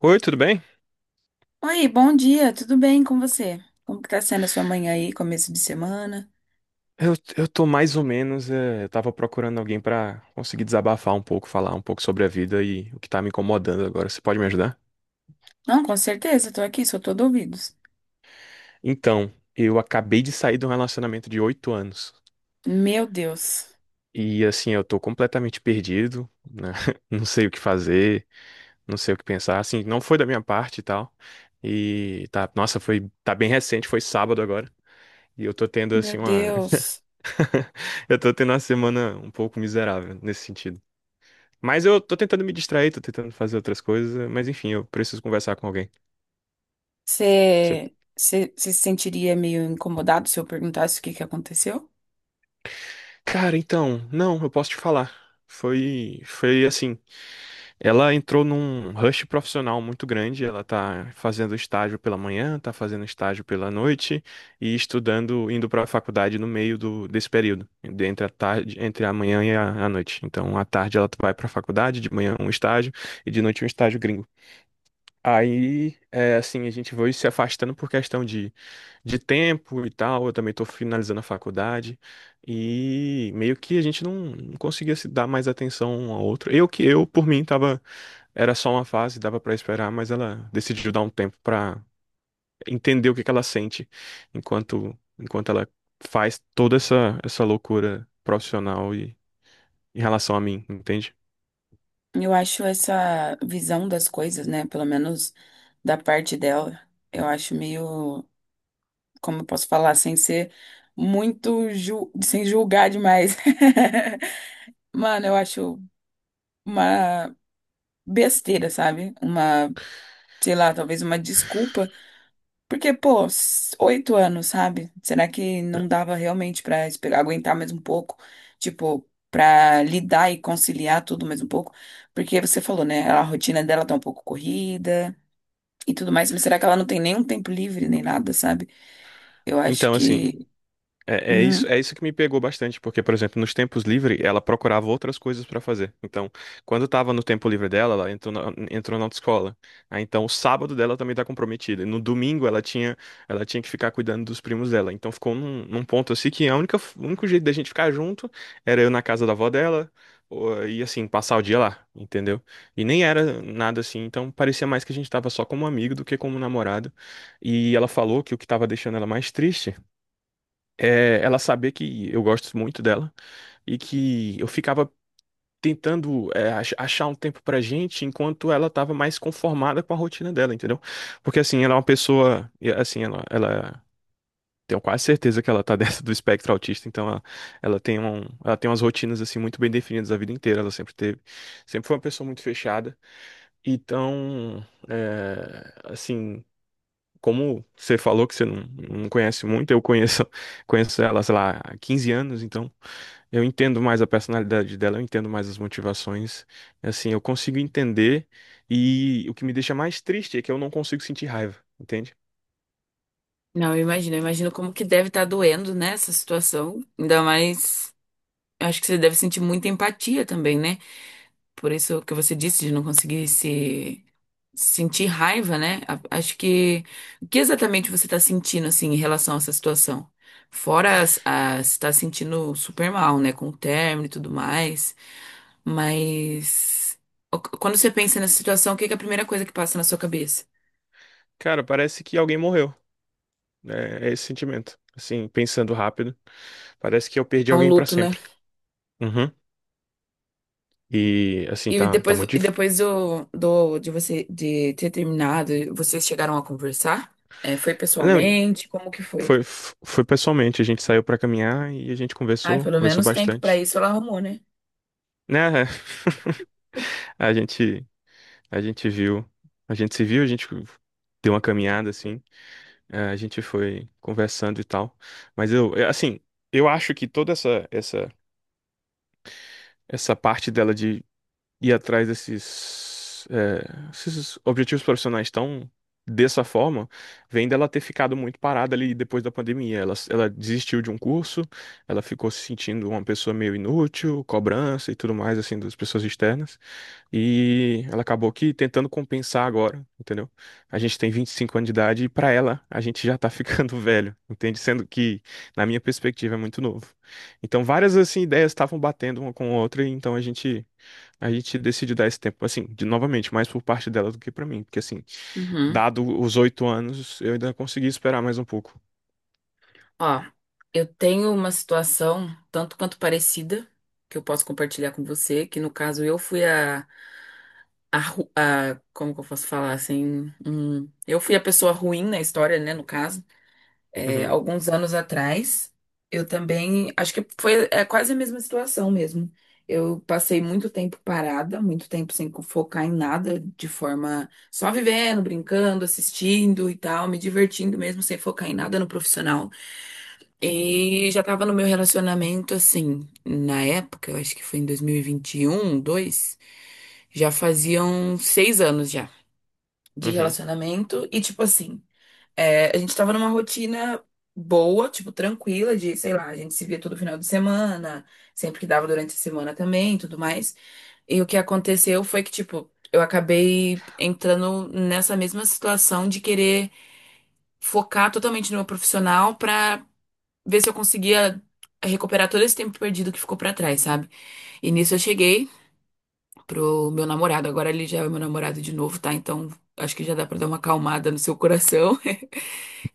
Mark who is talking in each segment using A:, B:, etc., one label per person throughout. A: Oi, tudo bem?
B: Oi, bom dia, tudo bem com você? Como que tá sendo a sua manhã aí, começo de semana?
A: Eu tô mais ou menos. Eu tava procurando alguém pra conseguir desabafar um pouco, falar um pouco sobre a vida e o que tá me incomodando agora. Você pode me ajudar?
B: Não, com certeza, tô aqui, sou todo ouvidos.
A: Então, eu acabei de sair de um relacionamento de 8 anos.
B: Meu Deus,
A: E assim, eu tô completamente perdido, né? Não sei o que fazer, não sei o que pensar. Assim, não foi da minha parte e tal. E tá, nossa, foi, tá bem recente, foi sábado agora. E eu tô tendo
B: meu
A: assim uma.
B: Deus,
A: Eu tô tendo uma semana um pouco miserável nesse sentido. Mas eu tô tentando me distrair, tô tentando fazer outras coisas, mas enfim, eu preciso conversar com alguém. Você-
B: você se sentiria meio incomodado se eu perguntasse o que que aconteceu?
A: Cara, então, não, eu posso te falar. Foi assim, ela entrou num rush profissional muito grande, ela tá fazendo estágio pela manhã, tá fazendo estágio pela noite e estudando, indo pra faculdade no meio desse período, entre a tarde, entre a manhã e a noite. Então, à tarde ela vai pra faculdade, de manhã um estágio e de noite um estágio gringo. Aí, é, assim, a gente foi se afastando por questão de tempo e tal. Eu também tô finalizando a faculdade. E meio que a gente não conseguia se dar mais atenção um ao outro. Eu que eu, por mim, tava, era só uma fase, dava pra esperar, mas ela decidiu dar um tempo pra entender o que que ela sente enquanto ela faz toda essa loucura profissional e em relação a mim, entende?
B: Eu acho essa visão das coisas, né? Pelo menos da parte dela, eu acho meio, como eu posso falar, sem ser muito, sem julgar demais. Mano, eu acho uma besteira, sabe? Uma, sei lá, talvez uma desculpa. Porque, pô, oito anos, sabe? Será que
A: Né?
B: não dava realmente pra esperar, aguentar mais um pouco? Tipo, pra lidar e conciliar tudo mais um pouco? Porque você falou, né? A rotina dela tá um pouco corrida e tudo mais, mas será que ela não tem nenhum tempo livre nem nada, sabe? Eu acho
A: Então, assim,
B: que.
A: É isso,
B: Uhum.
A: é isso que me pegou bastante, porque, por exemplo, nos tempos livres, ela procurava outras coisas para fazer. Então, quando estava no tempo livre dela, ela entrou na autoescola. Aí, então, o sábado dela também tá comprometida. E no domingo, ela tinha que ficar cuidando dos primos dela. Então, ficou num ponto assim que a única, o único jeito da gente ficar junto era eu na casa da avó dela, e assim, passar o dia lá, entendeu? E nem era nada assim, então parecia mais que a gente tava só como amigo do que como namorado. E ela falou que o que tava deixando ela mais triste ela saber que eu gosto muito dela e que eu ficava tentando achar um tempo pra gente enquanto ela tava mais conformada com a rotina dela, entendeu? Porque assim, ela é uma pessoa, e, assim, ela tenho quase certeza que ela tá dentro do espectro autista, então ela tem umas rotinas assim muito bem definidas a vida inteira, ela sempre teve, sempre foi uma pessoa muito fechada. Então, assim, como você falou que você não conhece muito, eu conheço, conheço ela, sei lá, há 15 anos, então eu entendo mais a personalidade dela, eu entendo mais as motivações, assim, eu consigo entender e o que me deixa mais triste é que eu não consigo sentir raiva, entende?
B: Não, eu imagino como que deve estar doendo, né, essa situação. Ainda mais, eu acho que você deve sentir muita empatia também, né? Por isso que você disse de não conseguir se sentir raiva, né? Acho que o que exatamente você está sentindo assim em relação a essa situação? Fora as está sentindo super mal, né, com o término e tudo mais, mas quando você pensa nessa situação, o que que é a primeira coisa que passa na sua cabeça?
A: Cara, parece que alguém morreu, né? É esse sentimento, assim, pensando rápido, parece que eu perdi
B: É um
A: alguém pra
B: luto, né?
A: sempre. Uhum. E, assim,
B: E
A: tá
B: depois,
A: muito
B: e
A: difícil.
B: depois de você de ter terminado, vocês chegaram a conversar? É, foi
A: Não,
B: pessoalmente? Como que foi?
A: foi pessoalmente, a gente saiu pra caminhar e a gente
B: Ai,
A: conversou,
B: pelo
A: conversou
B: menos tempo pra
A: bastante.
B: isso ela arrumou, né?
A: Né? A gente, a gente viu, a gente se viu, a gente deu uma caminhada assim, a gente foi conversando e tal. Mas eu, assim, eu acho que toda essa parte dela de ir atrás esses objetivos profissionais tão dessa forma, vem dela ter ficado muito parada ali depois da pandemia. Ela desistiu de um curso, ela ficou se sentindo uma pessoa meio inútil, cobrança e tudo mais assim das pessoas externas. E ela acabou aqui tentando compensar agora, entendeu? A gente tem 25 anos de idade e pra ela a gente já tá ficando velho, entende? Sendo que, na minha perspectiva, é muito novo. Então várias assim ideias estavam batendo uma com a outra, e então a gente decidiu dar esse tempo, assim, de novamente, mais por parte dela do que pra mim, porque assim,
B: Uhum.
A: dado os 8 anos, eu ainda consegui esperar mais um pouco.
B: Ó, eu tenho uma situação tanto quanto parecida que eu posso compartilhar com você, que no caso eu fui como que eu posso falar assim? Eu fui a pessoa ruim na história, né, no caso. É,
A: Uhum,
B: alguns anos atrás, eu também, acho que foi quase a mesma situação mesmo. Eu passei muito tempo parada, muito tempo sem focar em nada, de forma só vivendo, brincando, assistindo e tal, me divertindo mesmo, sem focar em nada no profissional. E já tava no meu relacionamento, assim, na época, eu acho que foi em dois mil e vinte e um dois já faziam 6 anos já de
A: uhum,
B: relacionamento e, tipo assim. É, a gente tava numa rotina boa, tipo, tranquila, de, sei lá, a gente se via todo final de semana, sempre que dava durante a semana também, e tudo mais. E o que aconteceu foi que, tipo, eu acabei entrando nessa mesma situação de querer focar totalmente no meu profissional pra ver se eu conseguia recuperar todo esse tempo perdido que ficou pra trás, sabe? E nisso eu cheguei pro meu namorado, agora ele já é meu namorado de novo, tá? Então acho que já dá pra dar uma acalmada no seu coração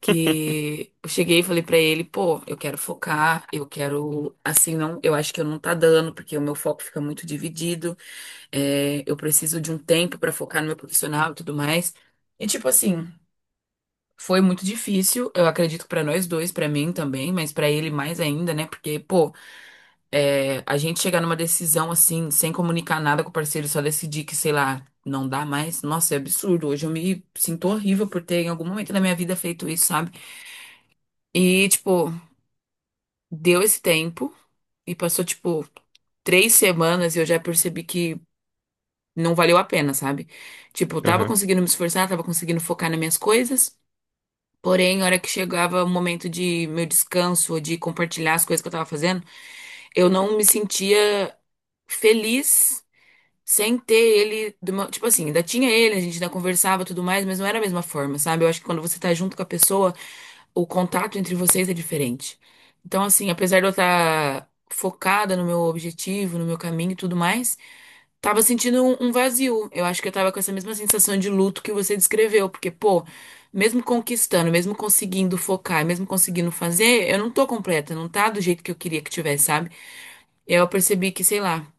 B: que eu cheguei e falei pra ele, pô, eu quero focar, eu quero, assim, não, eu acho que eu não tá dando, porque o meu foco fica muito dividido, é, eu preciso de um tempo pra focar no meu profissional e tudo mais. E tipo assim, foi muito difícil, eu acredito que pra nós dois, pra mim também, mas pra ele mais ainda, né? Porque, pô, é, a gente chegar numa decisão assim, sem comunicar nada com o parceiro, só decidir que, sei lá, não dá mais, nossa, é absurdo. Hoje eu me sinto horrível por ter em algum momento da minha vida feito isso, sabe? E, tipo, deu esse tempo e passou, tipo, 3 semanas e eu já percebi que não valeu a pena, sabe? Tipo, eu tava
A: aham.
B: conseguindo me esforçar, tava conseguindo focar nas minhas coisas, porém, a hora que chegava o momento de meu descanso, ou de compartilhar as coisas que eu tava fazendo, eu não me sentia feliz sem ter ele, de tipo assim, ainda tinha ele, a gente ainda conversava e tudo mais, mas não era a mesma forma, sabe? Eu acho que quando você tá junto com a pessoa, o contato entre vocês é diferente. Então, assim, apesar de eu estar focada no meu objetivo, no meu caminho e tudo mais, tava sentindo um vazio. Eu acho que eu tava com essa mesma sensação de luto que você descreveu, porque, pô, mesmo conquistando, mesmo conseguindo focar, mesmo conseguindo fazer, eu não tô completa, não tá do jeito que eu queria que tivesse, sabe? Eu percebi que, sei lá,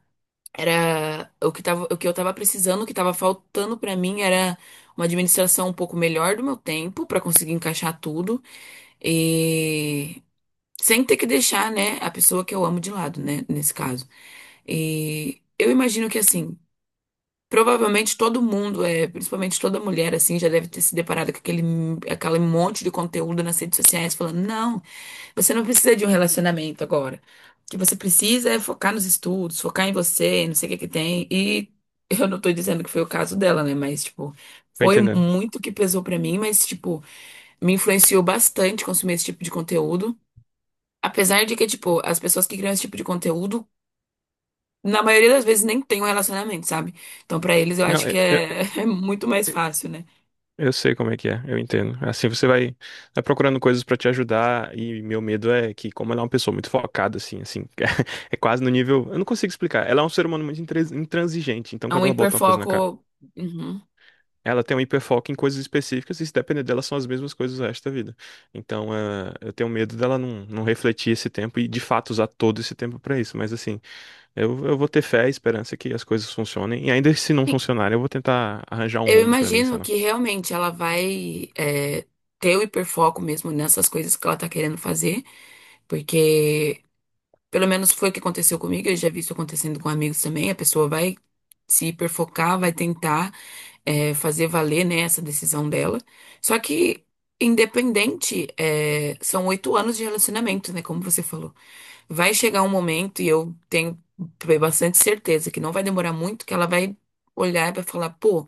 B: era o que tava, o que eu tava precisando, o que tava faltando pra mim era uma administração um pouco melhor do meu tempo pra conseguir encaixar tudo e sem ter que deixar, né, a pessoa que eu amo de lado, né, nesse caso. E eu imagino que assim, provavelmente todo mundo, principalmente toda mulher assim, já deve ter se deparado com aquele monte de conteúdo nas redes sociais falando, não, você não precisa de um relacionamento agora. O que você precisa é focar nos estudos, focar em você, não sei o que que tem. E eu não tô dizendo que foi o caso dela, né? Mas, tipo,
A: Tô
B: foi
A: entendendo.
B: muito que pesou pra mim, mas, tipo, me influenciou bastante consumir esse tipo de conteúdo. Apesar de que, tipo, as pessoas que criam esse tipo de conteúdo, na maioria das vezes nem tem um relacionamento, sabe? Então, pra eles, eu
A: Não,
B: acho que é muito mais fácil, né?
A: eu sei como é que é, eu entendo. Assim você vai procurando coisas pra te ajudar e meu medo é que como ela é uma pessoa muito focada assim, assim, é quase no nível, eu não consigo explicar. Ela é um ser humano muito intransigente, então
B: É um
A: quando ela bota uma coisa na cara,
B: hiperfoco. Uhum.
A: ela tem um hiperfoco em coisas específicas e se depender dela são as mesmas coisas o resto da vida. Então, eu tenho medo dela não refletir esse tempo e de fato usar todo esse tempo pra isso, mas assim, eu vou ter fé e esperança que as coisas funcionem e ainda se não funcionarem, eu vou tentar arranjar um
B: Eu
A: rumo pra mim, sei
B: imagino que realmente ela vai ter o hiperfoco mesmo nessas coisas que ela tá querendo fazer, porque pelo menos foi o que aconteceu comigo, eu já vi isso acontecendo com amigos também, a pessoa vai se hiperfocar, vai tentar fazer valer, né, essa decisão dela. Só que, independente, são 8 anos de relacionamento, né, como você falou. Vai chegar um momento, e eu tenho bastante certeza que não vai demorar muito, que ela vai olhar e vai falar, pô.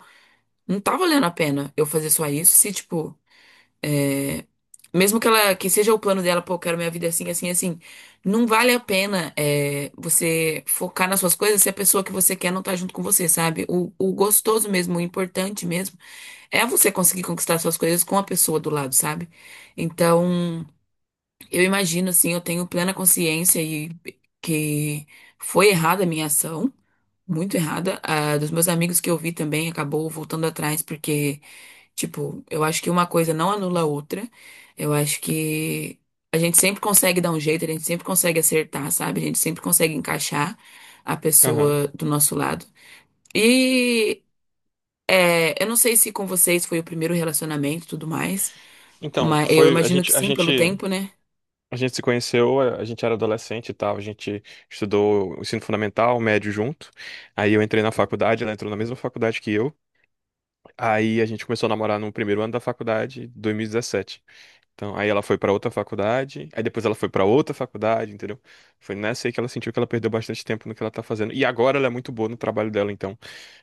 B: Não tá valendo a pena eu fazer só isso, se, tipo, mesmo que ela, que seja o plano dela, pô, eu quero minha vida assim, assim, assim, não vale a pena você focar nas suas coisas se a pessoa que você quer não tá junto com você, sabe? O gostoso mesmo, o importante mesmo, é você conseguir conquistar suas coisas com a pessoa do lado, sabe? Então, eu imagino, assim, eu tenho plena consciência e que foi errada a minha ação, muito errada. A dos meus amigos que eu vi também acabou voltando atrás, porque. Tipo, eu acho que uma coisa não anula a outra. Eu acho que a gente sempre consegue dar um jeito, a gente sempre consegue acertar, sabe? A gente sempre consegue encaixar a
A: lá.
B: pessoa do nosso lado. E eu não sei se com vocês foi o primeiro relacionamento e tudo mais,
A: Então,
B: mas eu
A: foi a
B: imagino que
A: gente a
B: sim,
A: gente
B: pelo tempo, né?
A: a gente se conheceu, a gente era adolescente e tal, a gente estudou o ensino fundamental, o médio junto. Aí eu entrei na faculdade, ela entrou na mesma faculdade que eu. Aí a gente começou a namorar no primeiro ano da faculdade, 2017. Então, aí ela foi pra outra faculdade, aí depois ela foi pra outra faculdade, entendeu? Foi nessa aí que ela sentiu que ela perdeu bastante tempo no que ela tá fazendo. E agora ela é muito boa no trabalho dela, então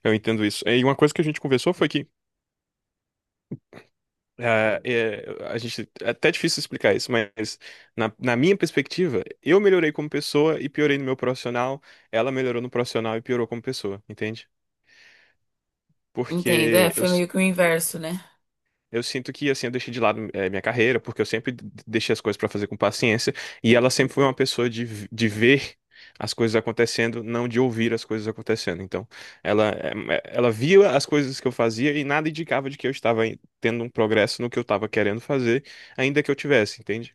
A: eu entendo isso. E uma coisa que a gente conversou foi que ah, é até difícil explicar isso, mas na minha perspectiva, eu melhorei como pessoa e piorei no meu profissional, ela melhorou no profissional e piorou como pessoa, entende?
B: Entendo, é,
A: Porque eu,
B: foi meio que o inverso, né?
A: eu sinto que, assim, eu deixei de lado minha carreira, porque eu sempre deixei as coisas pra fazer com paciência, e ela sempre foi uma pessoa de ver as coisas acontecendo, não de ouvir as coisas acontecendo. Então, ela via as coisas que eu fazia e nada indicava de que eu estava tendo um progresso no que eu estava querendo fazer, ainda que eu tivesse, entende?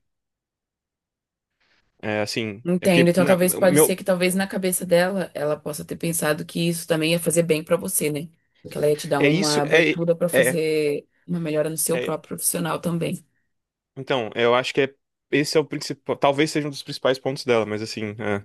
A: É, assim, é
B: Entendo.
A: porque,
B: Então, talvez pode ser
A: meu,
B: que talvez na cabeça dela ela possa ter pensado que isso também ia fazer bem pra você, né? Que ela ia te dar
A: é
B: uma
A: isso, é,
B: abertura pra
A: é,
B: fazer uma melhora no seu
A: é.
B: próprio profissional também.
A: Então, eu acho que esse é o principal, talvez seja um dos principais pontos dela, mas assim.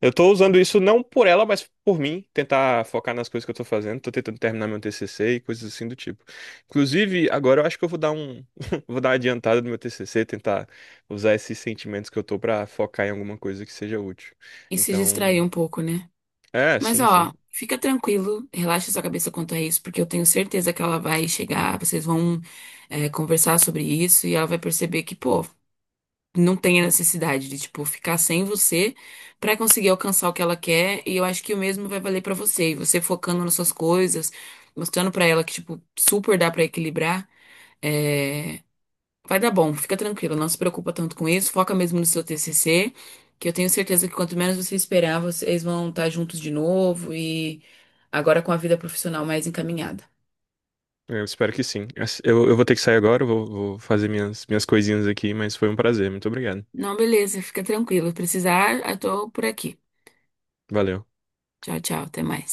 A: Eu tô usando isso não por ela, mas por mim, tentar focar nas coisas que eu tô fazendo. Tô tentando terminar meu TCC e coisas assim do tipo. Inclusive, agora eu acho que eu vou dar um, vou dar uma adiantada no meu TCC, tentar usar esses sentimentos que eu tô pra focar em alguma coisa que seja útil.
B: E se distrair
A: Então,
B: um pouco, né? Mas
A: sim, sim.
B: ó, fica tranquilo, relaxa sua cabeça quanto a isso, porque eu tenho certeza que ela vai chegar, vocês vão é, conversar sobre isso e ela vai perceber que, pô, não tem a necessidade de, tipo, ficar sem você pra conseguir alcançar o que ela quer. E eu acho que o mesmo vai valer pra você. E você focando nas suas coisas, mostrando pra ela que, tipo, super dá pra equilibrar, é, vai dar bom. Fica tranquila, não se preocupa tanto com isso. Foca mesmo no seu TCC, que eu tenho certeza que quanto menos você esperar, vocês vão estar juntos de novo e agora com a vida profissional mais encaminhada.
A: Eu espero que sim. Eu vou ter que sair agora, eu vou fazer minhas coisinhas aqui, mas foi um prazer. Muito obrigado.
B: Não, beleza, fica tranquila. Se precisar, eu tô por aqui.
A: Valeu.
B: Tchau, tchau, até mais.